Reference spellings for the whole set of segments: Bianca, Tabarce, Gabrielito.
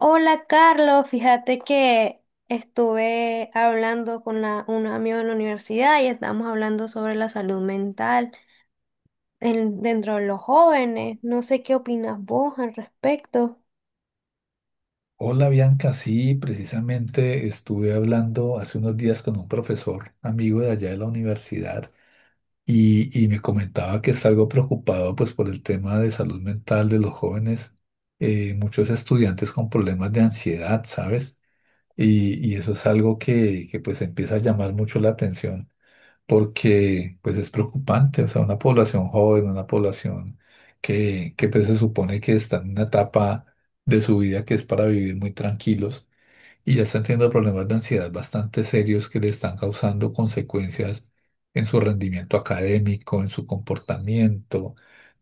Hola Carlos, fíjate que estuve hablando con un amigo en la universidad y estamos hablando sobre la salud mental dentro de los jóvenes. No sé qué opinas vos al respecto. Hola Bianca, sí, precisamente estuve hablando hace unos días con un profesor amigo de allá de la universidad y me comentaba que está algo preocupado pues por el tema de salud mental de los jóvenes, muchos estudiantes con problemas de ansiedad, ¿sabes? Y eso es algo que pues empieza a llamar mucho la atención porque pues es preocupante, o sea, una población joven, una población que pues se supone que está en una etapa de su vida que es para vivir muy tranquilos y ya están teniendo problemas de ansiedad bastante serios que le están causando consecuencias en su rendimiento académico, en su comportamiento,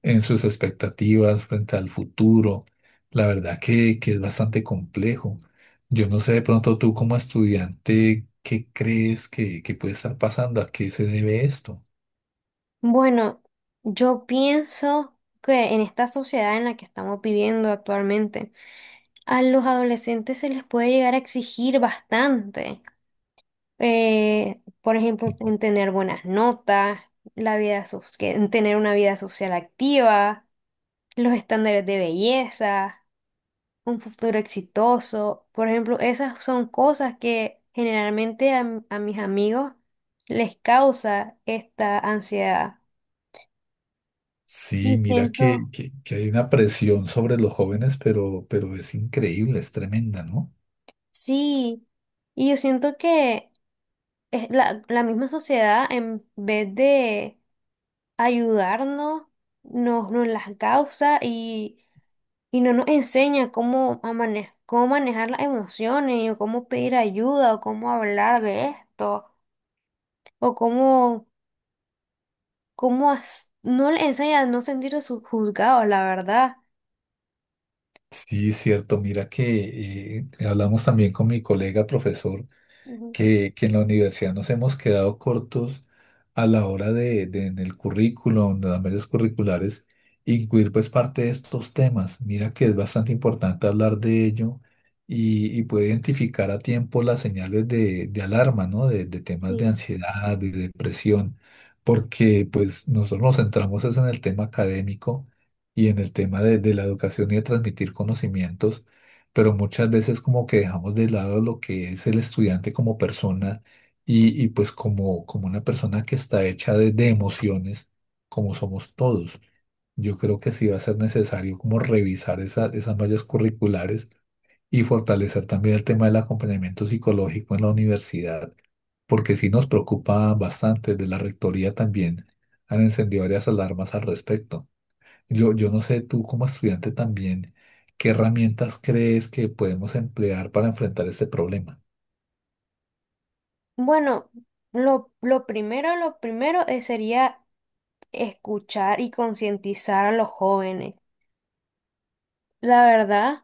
en sus expectativas frente al futuro. La verdad que es bastante complejo. Yo no sé de pronto tú como estudiante, ¿qué crees que puede estar pasando? ¿A qué se debe esto? Bueno, yo pienso que en esta sociedad en la que estamos viviendo actualmente, a los adolescentes se les puede llegar a exigir bastante. Por ejemplo, en tener buenas notas, la vida so- que- en tener una vida social activa, los estándares de belleza, un futuro exitoso. Por ejemplo, esas son cosas que generalmente a mis amigos les causa esta ansiedad. Y Sí, mira siento, que, que hay una presión sobre los jóvenes, pero es increíble, es tremenda, ¿no? sí, y yo siento que es la misma sociedad, en vez de ayudarnos, nos las causa, y no nos enseña cómo, cómo manejar las emociones, o cómo pedir ayuda, o cómo hablar de esto, o cómo, no le enseña a no sentirse juzgados, la verdad. Sí, es cierto. Mira que hablamos también con mi colega profesor Ujú. que en la universidad nos hemos quedado cortos a la hora de en el currículum, de las medios curriculares, incluir pues parte de estos temas. Mira que es bastante importante hablar de ello y poder identificar a tiempo las señales de alarma, ¿no? De temas de Sí. ansiedad, de depresión, porque pues nosotros nos centramos es en el tema académico y en el tema de la educación y de transmitir conocimientos pero muchas veces como que dejamos de lado lo que es el estudiante como persona y pues como, como una persona que está hecha de emociones, como somos todos. Yo creo que sí va a ser necesario como revisar esas mallas curriculares y fortalecer también el tema del acompañamiento psicológico en la universidad, porque sí nos preocupa bastante. De la rectoría también han encendido varias alarmas al respecto. Yo no sé, tú como estudiante también, ¿qué herramientas crees que podemos emplear para enfrentar este problema? Bueno, lo primero sería escuchar y concientizar a los jóvenes. La verdad.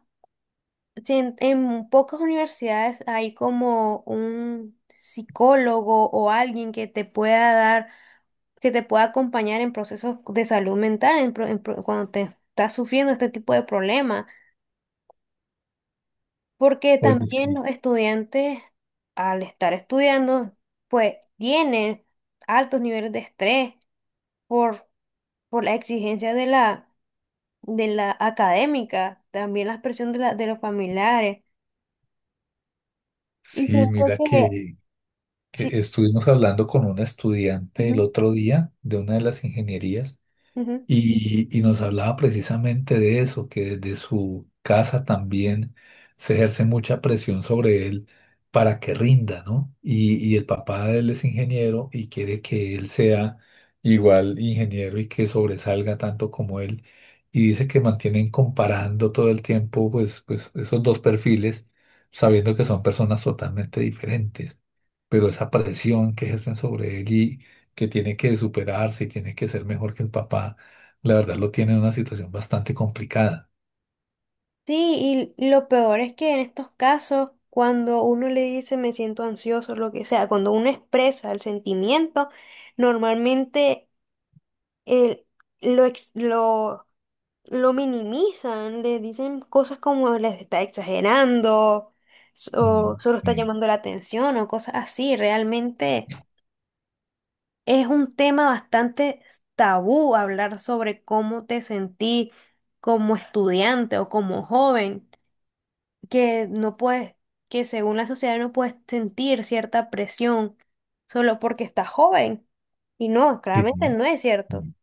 Sí, en pocas universidades hay como un psicólogo o alguien que te pueda dar, que te pueda acompañar en procesos de salud mental, cuando te estás sufriendo este tipo de problemas, porque Oye, también sí, los estudiantes, al estar estudiando, pues tienen altos niveles de estrés por la exigencia de de la académica, también la presión de, la, de los familiares. Y sí, siento mira que que, sí. estuvimos hablando con una estudiante el otro día de una de las ingenierías. Ujú. Y nos hablaba precisamente de eso, que desde su casa también se ejerce mucha presión sobre él para que rinda, ¿no? Y el papá de él es ingeniero y quiere que él sea igual ingeniero y que sobresalga tanto como él. Y dice que mantienen comparando todo el tiempo, pues, pues esos dos perfiles, sabiendo que son personas totalmente diferentes. Pero esa presión que ejercen sobre él y que tiene que superarse y tiene que ser mejor que el papá la verdad lo tiene en una situación bastante complicada. Sí, y lo peor es que en estos casos, cuando uno le dice me siento ansioso, lo que sea, cuando uno expresa el sentimiento, normalmente el- lo, ex- lo, lo minimizan, le dicen cosas como les está exagerando, o Mm, solo está sí. llamando la atención, o cosas así. Realmente es un tema bastante tabú hablar sobre cómo te sentí como estudiante o como joven. Que no puedes, que según la sociedad no puedes sentir cierta presión solo porque estás joven. Y no, Sí, claramente no es cierto. sí.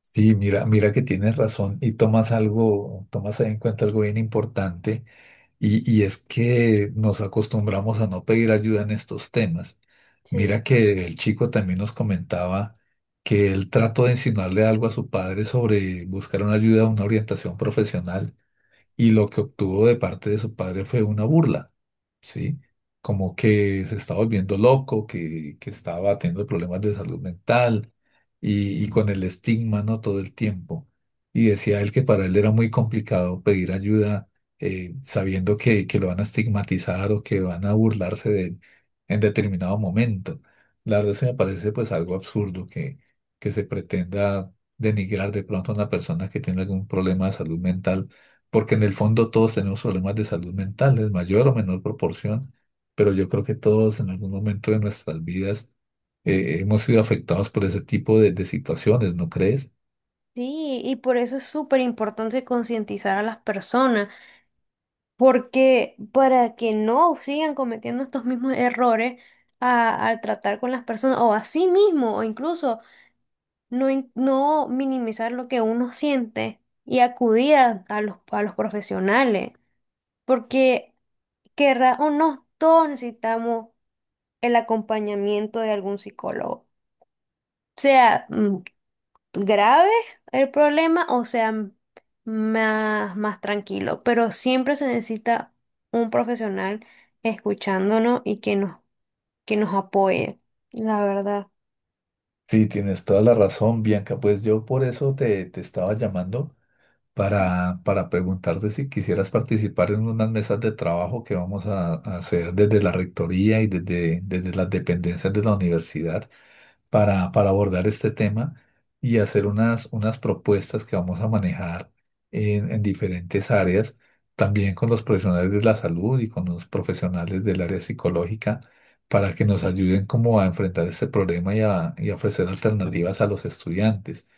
Sí, mira, mira que tienes razón y tomas algo, tomas en cuenta algo bien importante y es que nos acostumbramos a no pedir ayuda en estos temas. Sí. Mira que el chico también nos comentaba que él trató de insinuarle algo a su padre sobre buscar una ayuda, una orientación profesional y lo que obtuvo de parte de su padre fue una burla. ¿Sí? Como que se está volviendo loco, que estaba teniendo problemas de salud mental y con el estigma, ¿no? Todo el tiempo. Y decía él que para él era muy complicado pedir ayuda sabiendo que, lo van a estigmatizar o que van a burlarse de él en determinado momento. La verdad eso me parece pues algo absurdo que se pretenda denigrar de pronto a una persona que tiene algún problema de salud mental porque en el fondo todos tenemos problemas de salud mental, en mayor o menor proporción, pero yo creo que todos en algún momento de nuestras vidas hemos sido afectados por ese tipo de situaciones, ¿no crees? Sí, y por eso es súper importante concientizar a las personas, porque para que no sigan cometiendo estos mismos errores al tratar con las personas, o a sí mismo, o incluso no, no minimizar lo que uno siente, y acudir a los profesionales. Porque querrá o no, todos necesitamos el acompañamiento de algún psicólogo. Sea grave el problema, o sea más, más tranquilo, pero siempre se necesita un profesional escuchándonos y que nos apoye, la verdad. Sí, tienes toda la razón, Bianca. Pues yo por eso te, estaba llamando, para, preguntarte si quisieras participar en unas mesas de trabajo que vamos a hacer desde la rectoría y desde, desde las dependencias de la universidad para, abordar este tema y hacer unas, unas propuestas que vamos a manejar en diferentes áreas, también con los profesionales de la salud y con los profesionales del área psicológica, para que nos ayuden como a enfrentar este problema y a ofrecer alternativas a los estudiantes.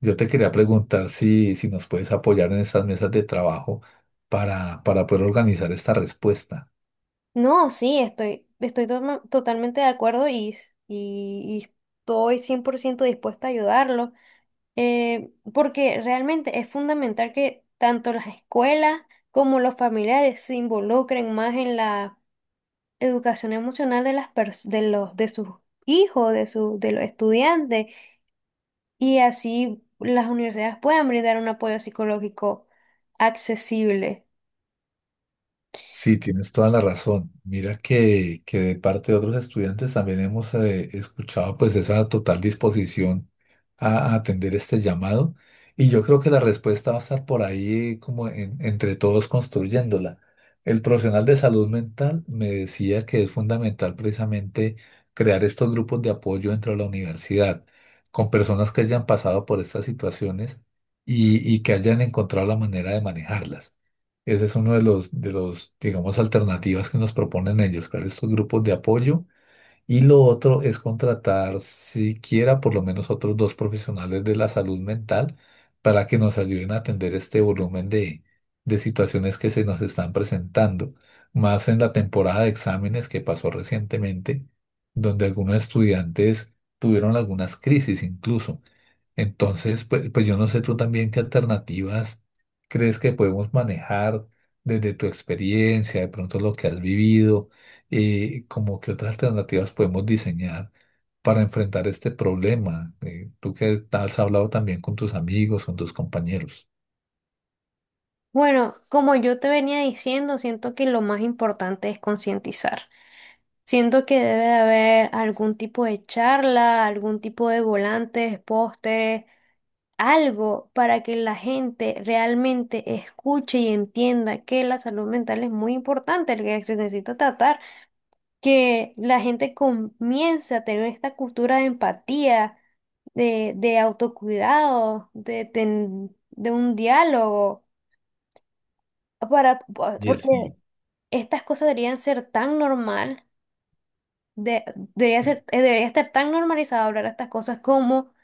Yo te quería preguntar si, nos puedes apoyar en estas mesas de trabajo para, poder organizar esta respuesta. No, sí, estoy totalmente de acuerdo, y estoy 100% dispuesta a ayudarlo. Eh, porque realmente es fundamental que tanto las escuelas como los familiares se involucren más en la educación emocional de las pers- de los de sus hijos, de los estudiantes, y así las universidades puedan brindar un apoyo psicológico accesible. Sí, tienes toda la razón. Mira que, de parte de otros estudiantes también hemos escuchado pues esa total disposición a, atender este llamado y yo creo que la respuesta va a estar por ahí como entre todos construyéndola. El profesional de salud mental me decía que es fundamental precisamente crear estos grupos de apoyo dentro de la universidad con personas que hayan pasado por estas situaciones y que hayan encontrado la manera de manejarlas. Ese es uno de los, digamos, alternativas que nos proponen ellos, crear estos grupos de apoyo. Y lo otro es contratar siquiera por lo menos otros dos profesionales de la salud mental para que nos ayuden a atender este volumen de, situaciones que se nos están presentando. Más en la temporada de exámenes que pasó recientemente, donde algunos estudiantes tuvieron algunas crisis incluso. Entonces, pues, pues yo no sé tú también qué alternativas crees que podemos manejar desde tu experiencia, de pronto lo que has vivido, como qué otras alternativas podemos diseñar para enfrentar este problema. Tú que has hablado también con tus amigos, con tus compañeros. Bueno, como yo te venía diciendo, siento que lo más importante es concientizar. Siento que debe de haber algún tipo de charla, algún tipo de volantes, pósteres, algo para que la gente realmente escuche y entienda que la salud mental es muy importante, que se necesita tratar, que la gente comience a tener esta cultura de empatía, de autocuidado, de un diálogo, para, Oye, porque sí, estas cosas deberían ser tan normal, de- debería ser, debería estar tan normalizado hablar estas cosas como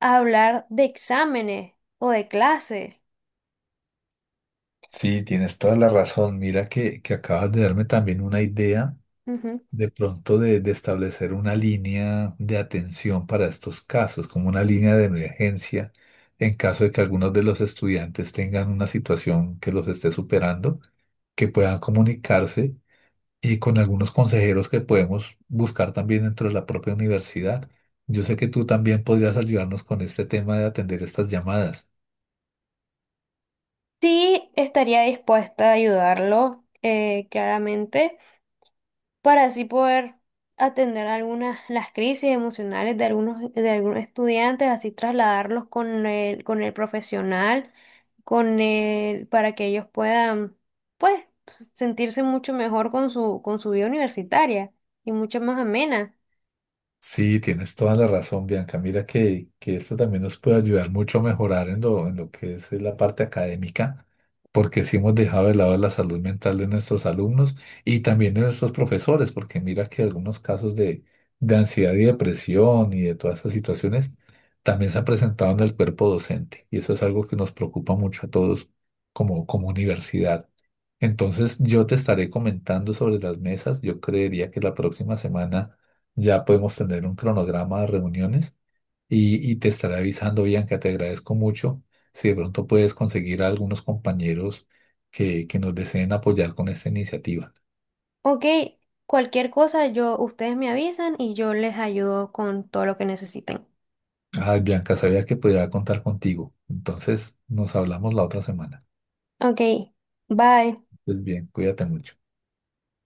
hablar de exámenes o de clases. sí, tienes toda la razón. Mira que, acabas de darme también una idea de pronto de, establecer una línea de atención para estos casos, como una línea de emergencia en caso de que algunos de los estudiantes tengan una situación que los esté superando, que puedan comunicarse y con algunos consejeros que podemos buscar también dentro de la propia universidad. Yo sé que tú también podrías ayudarnos con este tema de atender estas llamadas. Sí, estaría dispuesta a ayudarlo, claramente, para así poder atender algunas las crisis emocionales de algunos estudiantes, así trasladarlos con el profesional, con el, para que ellos puedan, pues, sentirse mucho mejor con su vida universitaria y mucho más amena. Sí, tienes toda la razón, Bianca. Mira que, esto también nos puede ayudar mucho a mejorar en lo que es la parte académica, porque sí hemos dejado de lado la salud mental de nuestros alumnos y también de nuestros profesores, porque mira que algunos casos de, ansiedad y depresión y de todas estas situaciones también se han presentado en el cuerpo docente y eso es algo que nos preocupa mucho a todos como, como universidad. Entonces yo te estaré comentando sobre las mesas. Yo creería que la próxima semana ya podemos tener un cronograma de reuniones y te estaré avisando, Bianca, te agradezco mucho. Si de pronto puedes conseguir a algunos compañeros que, nos deseen apoyar con esta iniciativa. Ok, cualquier cosa yo ustedes me avisan y yo les ayudo con todo lo que necesiten. Ay, Bianca, sabía que podía contar contigo. Entonces nos hablamos la otra semana. Ok, bye. Pues bien, cuídate mucho.